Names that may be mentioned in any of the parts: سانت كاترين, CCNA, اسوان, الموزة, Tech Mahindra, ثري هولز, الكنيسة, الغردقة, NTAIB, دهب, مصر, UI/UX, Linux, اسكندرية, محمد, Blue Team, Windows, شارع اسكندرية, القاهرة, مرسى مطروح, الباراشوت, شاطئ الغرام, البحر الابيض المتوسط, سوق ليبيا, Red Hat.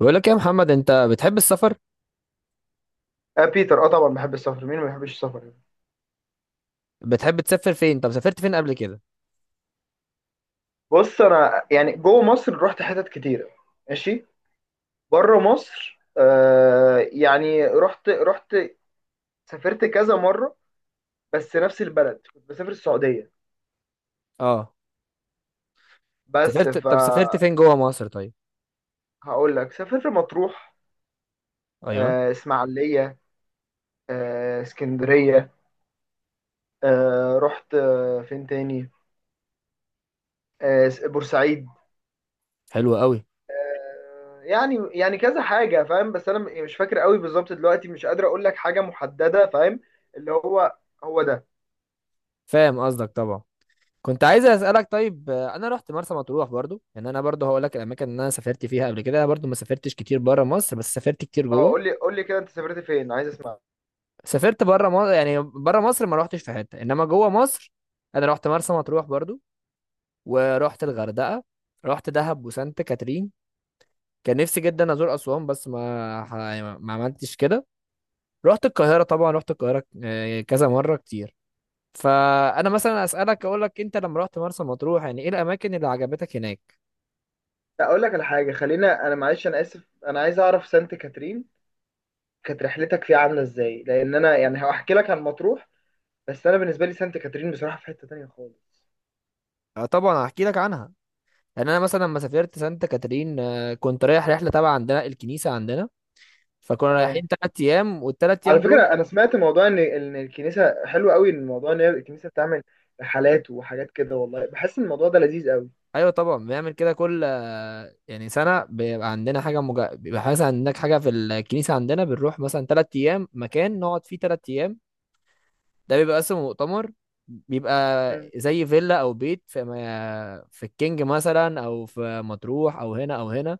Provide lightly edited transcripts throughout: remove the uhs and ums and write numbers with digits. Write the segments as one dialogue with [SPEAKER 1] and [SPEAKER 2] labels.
[SPEAKER 1] بقول لك يا محمد، انت بتحب السفر؟
[SPEAKER 2] آه بيتر، طبعا بحب السفر. مين ما بيحبش السفر يعني.
[SPEAKER 1] بتحب تسافر فين؟ طب سافرت فين قبل كده؟
[SPEAKER 2] بص، انا يعني جوه مصر رحت حتت كتيره. ماشي. بره مصر، يعني رحت سافرت كذا مره. بس نفس البلد، كنت بسافر السعوديه.
[SPEAKER 1] اه.
[SPEAKER 2] بس،
[SPEAKER 1] طب سافرت فين جوه مصر؟ طيب،
[SPEAKER 2] هقول لك، سافرت مطروح،
[SPEAKER 1] ايوه.
[SPEAKER 2] اسماعيليه، اسكندريه، رحت، فين تاني؟ بورسعيد.
[SPEAKER 1] حلو قوي.
[SPEAKER 2] يعني كذا حاجة، فاهم. بس أنا يعني مش فاكر قوي بالظبط دلوقتي. مش قادر أقول لك حاجة محددة، فاهم. اللي هو، هو ده.
[SPEAKER 1] فاهم قصدك طبعا. كنت عايز اسالك، طيب، انا رحت مرسى مطروح برضو، يعني انا برضو هقول لك الاماكن اللي انا سافرت فيها قبل كده. انا برضو ما سافرتش كتير بره مصر، بس سافرت كتير
[SPEAKER 2] أه،
[SPEAKER 1] جوه.
[SPEAKER 2] قول لي قول لي كده. أنت سافرت فين؟ عايز أسمع.
[SPEAKER 1] سافرت بره مصر، يعني بره مصر ما رحتش في حته، انما جوه مصر انا رحت مرسى مطروح برضو، ورحت الغردقه، رحت دهب وسانت كاترين. كان نفسي جدا ازور اسوان بس ما عملتش كده. رحت القاهرة، طبعا رحت القاهرة كذا مرة كتير. فأنا مثلا أسألك أقول لك، أنت لما رحت مرسى مطروح يعني إيه الأماكن اللي عجبتك هناك؟
[SPEAKER 2] لا، أقول لك على حاجة، خلينا. أنا معلش، أنا آسف، أنا عايز أعرف سانت كاترين كانت رحلتك فيها عاملة إزاي، لأن أنا يعني هحكي لك عن مطروح. بس أنا بالنسبة لي سانت كاترين بصراحة في حتة تانية خالص.
[SPEAKER 1] طبعا هحكي لك عنها. يعني أنا مثلا لما سافرت سانتا كاترين، كنت رايح رحلة تبع عندنا الكنيسة عندنا. فكنا
[SPEAKER 2] اه.
[SPEAKER 1] رايحين 3 أيام، والتلات
[SPEAKER 2] على
[SPEAKER 1] أيام دول،
[SPEAKER 2] فكرة أنا سمعت موضوع إن الكنيسة حلو قوي، إن الموضوع إن هي الكنيسة بتعمل رحلات وحاجات كده، والله بحس إن الموضوع ده لذيذ قوي.
[SPEAKER 1] أيوة طبعا بنعمل كده. كل يعني سنة بيبقى عندنا حاجة بيبقى حاجة، عندك حاجة في الكنيسة عندنا، بنروح مثلا 3 أيام، مكان نقعد فيه 3 أيام. ده بيبقى اصلا مؤتمر. بيبقى
[SPEAKER 2] مم.
[SPEAKER 1] زي فيلا او بيت في في الكينج مثلا، او في مطروح، او هنا او هنا.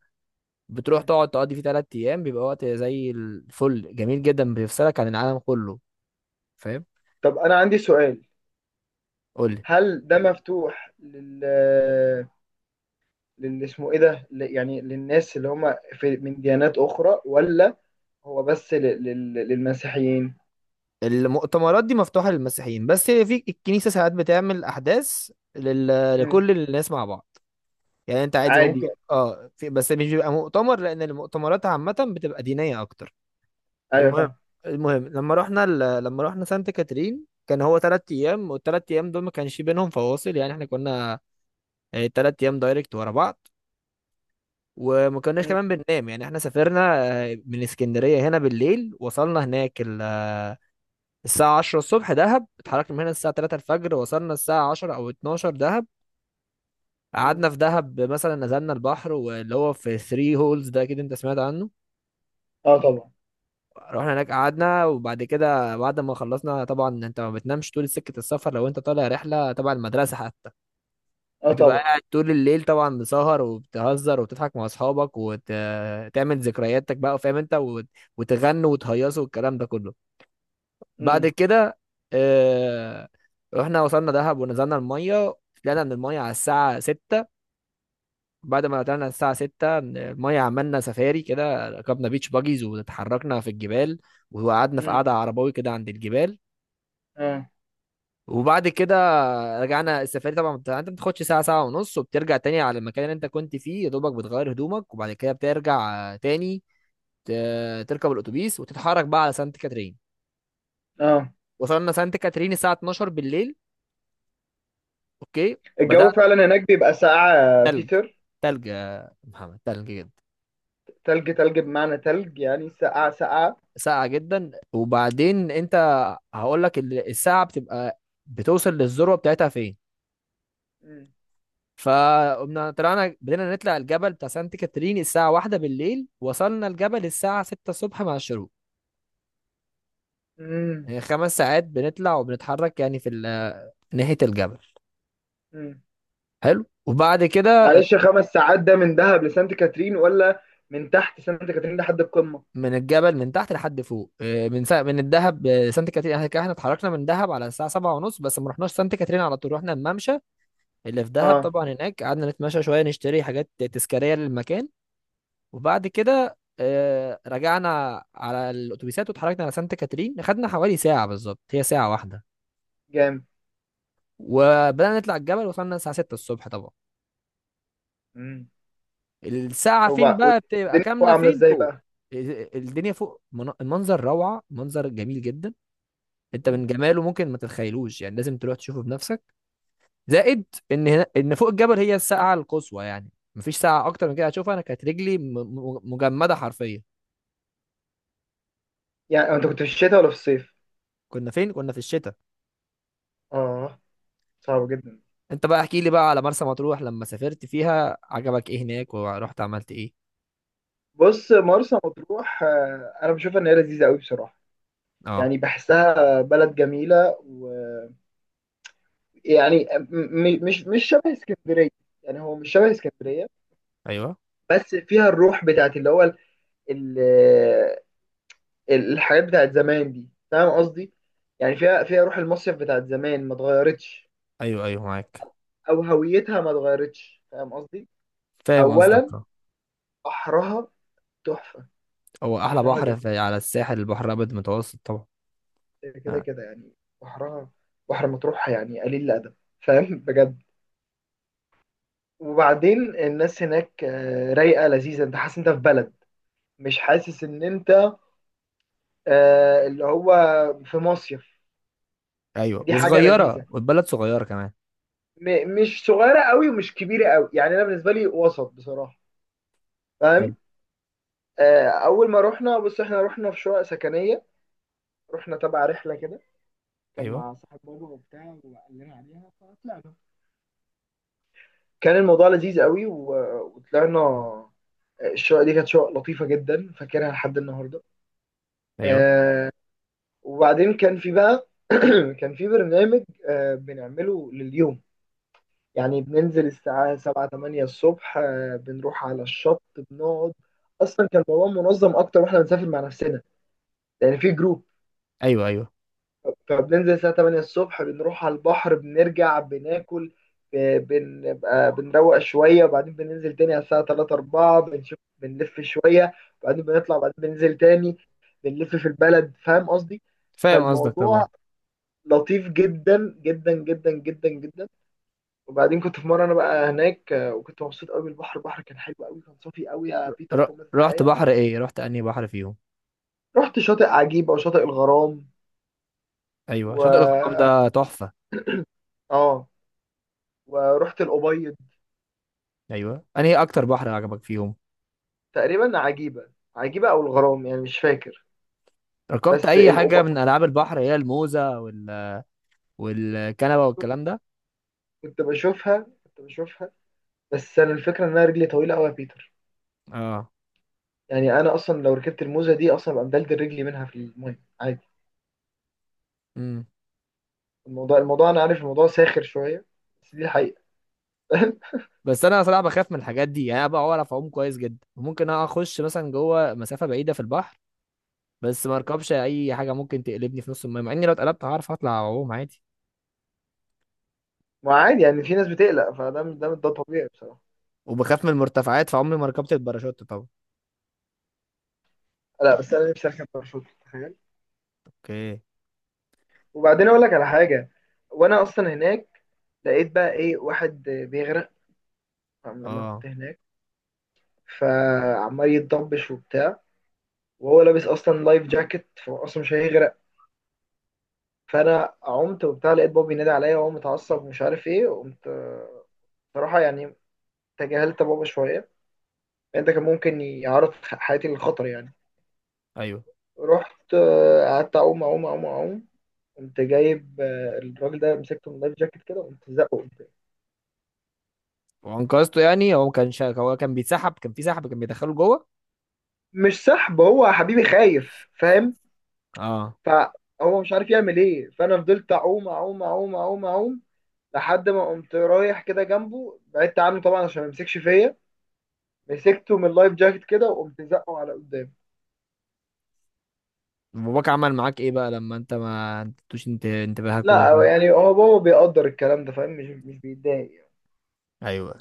[SPEAKER 1] بتروح
[SPEAKER 2] مم.
[SPEAKER 1] تقعد تقضي فيه 3 ايام، بيبقى وقت زي الفل، جميل جدا، بيفصلك عن العالم كله، فاهم.
[SPEAKER 2] طب انا عندي سؤال.
[SPEAKER 1] قول لي.
[SPEAKER 2] هل ده مفتوح لل اسمه ايه ده، يعني للناس اللي هم في من ديانات اخرى، ولا هو بس للمسيحيين؟
[SPEAKER 1] المؤتمرات دي مفتوحة للمسيحيين بس، هي في الكنيسة ساعات بتعمل احداث
[SPEAKER 2] مم.
[SPEAKER 1] لكل الناس مع بعض. يعني انت عادي
[SPEAKER 2] عادي
[SPEAKER 1] ممكن،
[SPEAKER 2] يعني.
[SPEAKER 1] اه، بس مش بيبقى مؤتمر، لان المؤتمرات عامة بتبقى دينية اكتر.
[SPEAKER 2] ايوه،
[SPEAKER 1] المهم،
[SPEAKER 2] فاهم.
[SPEAKER 1] المهم لما لما رحنا سانت كاترين، كان هو 3 ايام، والتلات ايام دول ما كانش بينهم فواصل، يعني احنا كنا، تلات ايام دايركت ورا بعض، وما كناش
[SPEAKER 2] مم.
[SPEAKER 1] كمان بننام. يعني احنا سافرنا من اسكندرية هنا بالليل، وصلنا هناك ال... آه، الساعة 10 الصبح دهب. اتحركنا من هنا الساعة 3 الفجر، وصلنا الساعة 10 او 12 دهب.
[SPEAKER 2] مم.
[SPEAKER 1] قعدنا في دهب مثلا، نزلنا البحر واللي هو في ثري هولز ده، اكيد انت سمعت عنه.
[SPEAKER 2] اه، طبعا.
[SPEAKER 1] رحنا هناك قعدنا، وبعد كده بعد ما خلصنا، طبعا انت ما بتنامش طول سكة السفر لو انت طالع رحلة تبع المدرسة حتى،
[SPEAKER 2] اه،
[SPEAKER 1] بتبقى
[SPEAKER 2] طبعا.
[SPEAKER 1] قاعد طول الليل طبعا، مسهر وبتهزر وبتضحك مع اصحابك وتعمل ذكرياتك بقى، فاهم، انت وتغنوا وتهيصوا والكلام ده كله. بعد
[SPEAKER 2] مم.
[SPEAKER 1] كده اه... رحنا وصلنا دهب ونزلنا المية. طلعنا من المية على الساعة 6. بعد ما طلعنا الساعة 6 المية، عملنا سفاري كده، ركبنا بيتش باجيز واتحركنا في الجبال، وقعدنا في
[SPEAKER 2] مم.
[SPEAKER 1] قعدة عرباوي كده عند الجبال.
[SPEAKER 2] اه.
[SPEAKER 1] وبعد كده رجعنا السفاري طبعا، يعني انت بتاخدش ساعة ساعة ونص، وبترجع تاني على المكان اللي انت كنت فيه، يا دوبك بتغير هدومك وبعد كده بترجع تاني تركب الأتوبيس وتتحرك بقى على سانت كاترين.
[SPEAKER 2] اه.
[SPEAKER 1] وصلنا سانت كاترين الساعة 12 بالليل. اوكي. بدأنا.
[SPEAKER 2] الجو فعلا هناك بيبقى ساقعة يا
[SPEAKER 1] تلج.
[SPEAKER 2] بيتر؟
[SPEAKER 1] تلج يا محمد، تلج جدا.
[SPEAKER 2] تلج، تلج، بمعنى تلج يعني ساقعة، ساقعة.
[SPEAKER 1] ساقعة جدا. وبعدين انت هقول لك الساعة بتبقى بتوصل للذروة بتاعتها فين؟ فقمنا طلعنا، بدينا نطلع الجبل بتاع سانت كاترين الساعة 1 بالليل، وصلنا الجبل الساعة 6 الصبح مع الشروق.
[SPEAKER 2] مم.
[SPEAKER 1] يعني 5 ساعات بنطلع وبنتحرك، يعني في ناحية الجبل.
[SPEAKER 2] مم.
[SPEAKER 1] حلو. وبعد كده
[SPEAKER 2] معلش، خمس ساعات ده من دهب لسانت كاترين ولا من تحت سانت كاترين لحد القمة؟
[SPEAKER 1] من الجبل من تحت لحد فوق. اه، من الدهب، سانت كاترين، احنا كده احنا اتحركنا من دهب على الساعة 7:30، بس ما رحناش سانت كاترين على طول، رحنا الممشى اللي في دهب
[SPEAKER 2] اه.
[SPEAKER 1] طبعا. هناك قعدنا نتمشى شوية، نشتري حاجات تذكارية للمكان. وبعد كده رجعنا على الأتوبيسات واتحركنا على سانت كاترين. أخدنا حوالي ساعة بالظبط، هي ساعة واحدة.
[SPEAKER 2] جامد.
[SPEAKER 1] وبدأنا نطلع الجبل، وصلنا الساعة 6 الصبح طبعا.
[SPEAKER 2] مم.
[SPEAKER 1] الساعة
[SPEAKER 2] طب
[SPEAKER 1] فين
[SPEAKER 2] بقى،
[SPEAKER 1] بقى بتبقى
[SPEAKER 2] والدنيا فوق
[SPEAKER 1] كاملة؟
[SPEAKER 2] عاملة
[SPEAKER 1] فين
[SPEAKER 2] ازاي
[SPEAKER 1] فوق
[SPEAKER 2] بقى؟
[SPEAKER 1] الدنيا فوق، المنظر روعة، منظر جميل جدا. انت
[SPEAKER 2] مم.
[SPEAKER 1] من جماله ممكن ما تتخيلوش، يعني لازم تروح تشوفه بنفسك. زائد ان هنا، ان فوق الجبل، هي الساعه القصوى يعني، مفيش ساعه اكتر من كده هتشوفها. انا كانت رجلي مجمده حرفيا.
[SPEAKER 2] يعني انت كنت في الشتاء ولا في الصيف؟
[SPEAKER 1] كنا فين؟ كنا في الشتاء.
[SPEAKER 2] اه. صعب جدا.
[SPEAKER 1] انت بقى احكي لي بقى على مرسى مطروح، لما سافرت فيها عجبك ايه هناك، ورحت عملت ايه؟
[SPEAKER 2] بص، مرسى مطروح، انا بشوفها ان هي لذيذة قوي بصراحة.
[SPEAKER 1] اه.
[SPEAKER 2] يعني بحسها بلد جميلة. ويعني مش شبه اسكندرية. يعني هو مش شبه اسكندرية.
[SPEAKER 1] ايوه
[SPEAKER 2] بس فيها الروح بتاعت اللي هو الحاجات بتاعت زمان دي، فاهم قصدي. يعني فيها روح المصيف بتاعت زمان ما اتغيرتش،
[SPEAKER 1] ايوه ايوه معاك.
[SPEAKER 2] او هويتها ما اتغيرتش، فاهم قصدي.
[SPEAKER 1] فاهم قصدك.
[SPEAKER 2] اولا،
[SPEAKER 1] آه.
[SPEAKER 2] بحرها تحفه.
[SPEAKER 1] هو احلى
[SPEAKER 2] بحرها
[SPEAKER 1] بحر
[SPEAKER 2] جميل
[SPEAKER 1] في على الساحل البحر الابيض المتوسط طبعا.
[SPEAKER 2] كده
[SPEAKER 1] آه.
[SPEAKER 2] كده يعني. بحرها، بحر مطروح، يعني قليل الادب، فاهم. بجد. وبعدين الناس هناك، رايقه لذيذه. انت حاسس انت في بلد، مش حاسس ان انت اللي هو في مصيف.
[SPEAKER 1] ايوه،
[SPEAKER 2] ودي حاجه
[SPEAKER 1] وصغيره،
[SPEAKER 2] لذيذه.
[SPEAKER 1] والبلد صغيره كمان.
[SPEAKER 2] مش صغيره قوي ومش كبيره قوي، يعني انا بالنسبه لي وسط بصراحه،
[SPEAKER 1] حلو.
[SPEAKER 2] فاهم. اول ما رحنا، بص، احنا رحنا في شقق سكنيه، رحنا تبع رحله كده، كان
[SPEAKER 1] ايوه
[SPEAKER 2] مع صاحب بابا وبتاع وقال لنا عليها، فطلعنا. كان الموضوع لذيذ قوي وطلعنا. الشقه دي كانت شقه لطيفه جدا، فاكرها لحد النهارده.
[SPEAKER 1] ايوه
[SPEAKER 2] آه، وبعدين كان في بقى كان في برنامج، بنعمله لليوم. يعني بننزل الساعه 7 8 الصبح، بنروح على الشط بنقعد. اصلا كان الموضوع منظم اكتر واحنا بنسافر مع نفسنا، يعني في جروب.
[SPEAKER 1] ايوه ايوه.
[SPEAKER 2] فبننزل الساعة 8 الصبح بنروح على البحر، بنرجع بناكل، بنبقى بنروق شوية، وبعدين بننزل تاني على الساعة 3 4 بنشوف بنلف شوية، وبعدين بنطلع، وبعدين بننزل تاني بنلف في البلد، فاهم قصدي؟
[SPEAKER 1] فاهم قصدك
[SPEAKER 2] فالموضوع
[SPEAKER 1] طبعا.
[SPEAKER 2] لطيف جدا جدا جدا جدا جدا. وبعدين كنت في مرة أنا بقى هناك، وكنت مبسوط قوي بالبحر. البحر كان حلو قوي، كان صافي قوي يا بيتر،
[SPEAKER 1] ر...
[SPEAKER 2] فوق ما
[SPEAKER 1] رحت
[SPEAKER 2] تتخيل.
[SPEAKER 1] بحر ايه؟ رحت انهي بحر فيهم؟
[SPEAKER 2] رحت شاطئ عجيبة وشاطئ الغرام،
[SPEAKER 1] ايوه،
[SPEAKER 2] و
[SPEAKER 1] شاطئ الغرام
[SPEAKER 2] آه
[SPEAKER 1] ده تحفه.
[SPEAKER 2] آه، ورحت الأبيض.
[SPEAKER 1] ايوه، انهي اكتر بحر عجبك فيهم؟
[SPEAKER 2] تقريبا عجيبة، عجيبة أو الغرام، يعني مش فاكر.
[SPEAKER 1] ركبت
[SPEAKER 2] بس
[SPEAKER 1] اي حاجه
[SPEAKER 2] الأوبا
[SPEAKER 1] من العاب البحر، هي الموزه والكنبه والكلام ده؟
[SPEAKER 2] كنت بشوفها. بس أنا الفكرة إن أنا رجلي طويلة أوي يا بيتر،
[SPEAKER 1] اه.
[SPEAKER 2] يعني أنا أصلا لو ركبت الموزة دي أصلا ببقى مدلدل رجلي منها في المية عادي.
[SPEAKER 1] امم
[SPEAKER 2] الموضوع أنا عارف الموضوع ساخر شوية، بس دي الحقيقة.
[SPEAKER 1] بس انا صراحه بخاف من الحاجات دي، يعني انا بقى بعرف اعوم كويس جدا، ممكن أنا اخش مثلا جوه مسافه بعيده في البحر، بس ما اركبش اي حاجه ممكن تقلبني في نص الميه، مع اني لو اتقلبت هعرف اطلع اعوم عادي.
[SPEAKER 2] ما عادي يعني، في ناس بتقلق فده ده ده طبيعي بصراحة.
[SPEAKER 1] وبخاف من المرتفعات، فعمري ما ركبت الباراشوت طبعا.
[SPEAKER 2] لا، بس أنا نفسي أركب باراشوت، تخيل.
[SPEAKER 1] اوكي.
[SPEAKER 2] وبعدين أقول لك على حاجة. وأنا أصلا هناك لقيت بقى إيه واحد بيغرق لما
[SPEAKER 1] اه.
[SPEAKER 2] كنت هناك، فعمال يتضبش وبتاع. وهو لابس اصلا لايف جاكيت، فهو اصلا مش هيغرق. فانا عمت وبتاع، لقيت بابا بينادي عليا وهو متعصب ومش عارف ايه. قمت صراحه يعني تجاهلت بابا شويه، لأن ده كان ممكن يعرض حياتي للخطر يعني.
[SPEAKER 1] ايوه.
[SPEAKER 2] رحت قعدت اعوم اعوم اعوم اعوم. قمت جايب الراجل ده، مسكته من اللايف جاكيت كده وقمت زقه قمت.
[SPEAKER 1] وانقذته يعني؟ هو ما كانش، هو كان بيتسحب؟ كان في سحب كان بيدخله جوه؟
[SPEAKER 2] مش سحب هو يا حبيبي، خايف، فاهم.
[SPEAKER 1] اه.
[SPEAKER 2] فهو مش عارف يعمل ايه، فانا فضلت اعوم اعوم اعوم اعوم اعوم لحد ما قمت رايح كده جنبه. بعدت عنه طبعا عشان ما يمسكش فيا، مسكته من اللايف جاكيت كده وقمت زقه على قدام.
[SPEAKER 1] باباك عمل معاك ايه بقى لما انت، ما انتوش انت انتباهك،
[SPEAKER 2] لا،
[SPEAKER 1] ودخلت؟
[SPEAKER 2] يعني هو بابا بيقدر الكلام ده، فاهم، مش بيتضايق يعني.
[SPEAKER 1] ايوه.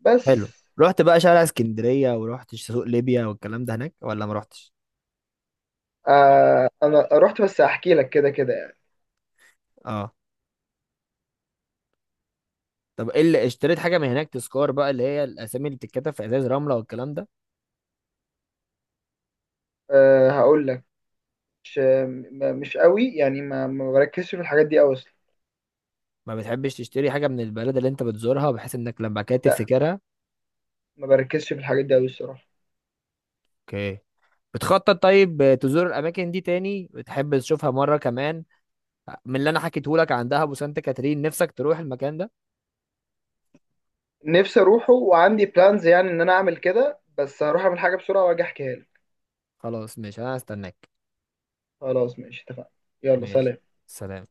[SPEAKER 2] بس.
[SPEAKER 1] حلو. رحت بقى شارع اسكندرية، ورحت سوق ليبيا والكلام ده هناك، ولا ما رحتش؟
[SPEAKER 2] آه، انا رحت بس احكي لك كده كده يعني.
[SPEAKER 1] اه. طب ايه اللي اشتريت حاجة من هناك تذكار بقى، اللي هي الاسامي اللي بتتكتب في ازاز رملة والكلام ده؟
[SPEAKER 2] آه، هقول لك، مش قوي يعني، ما بركزش في الحاجات دي قوي اصلا.
[SPEAKER 1] ما بتحبش تشتري حاجة من البلد اللي انت بتزورها، بحيث انك لما بعد كده
[SPEAKER 2] لا،
[SPEAKER 1] تفتكرها؟
[SPEAKER 2] ما بركزش في الحاجات دي قوي الصراحه.
[SPEAKER 1] اوكي. بتخطط طيب تزور الاماكن دي تاني، بتحب تشوفها مرة كمان؟ من اللي انا حكيته لك عن دهب وسانت كاترين، نفسك تروح المكان ده؟
[SPEAKER 2] نفسي اروحه وعندي بلانز يعني ان انا اعمل كده، بس هروح اعمل حاجه بسرعه واجي احكيها لك.
[SPEAKER 1] خلاص ماشي، انا هستناك.
[SPEAKER 2] خلاص ماشي، اتفقنا. يلا،
[SPEAKER 1] ماشي.
[SPEAKER 2] سلام.
[SPEAKER 1] سلام.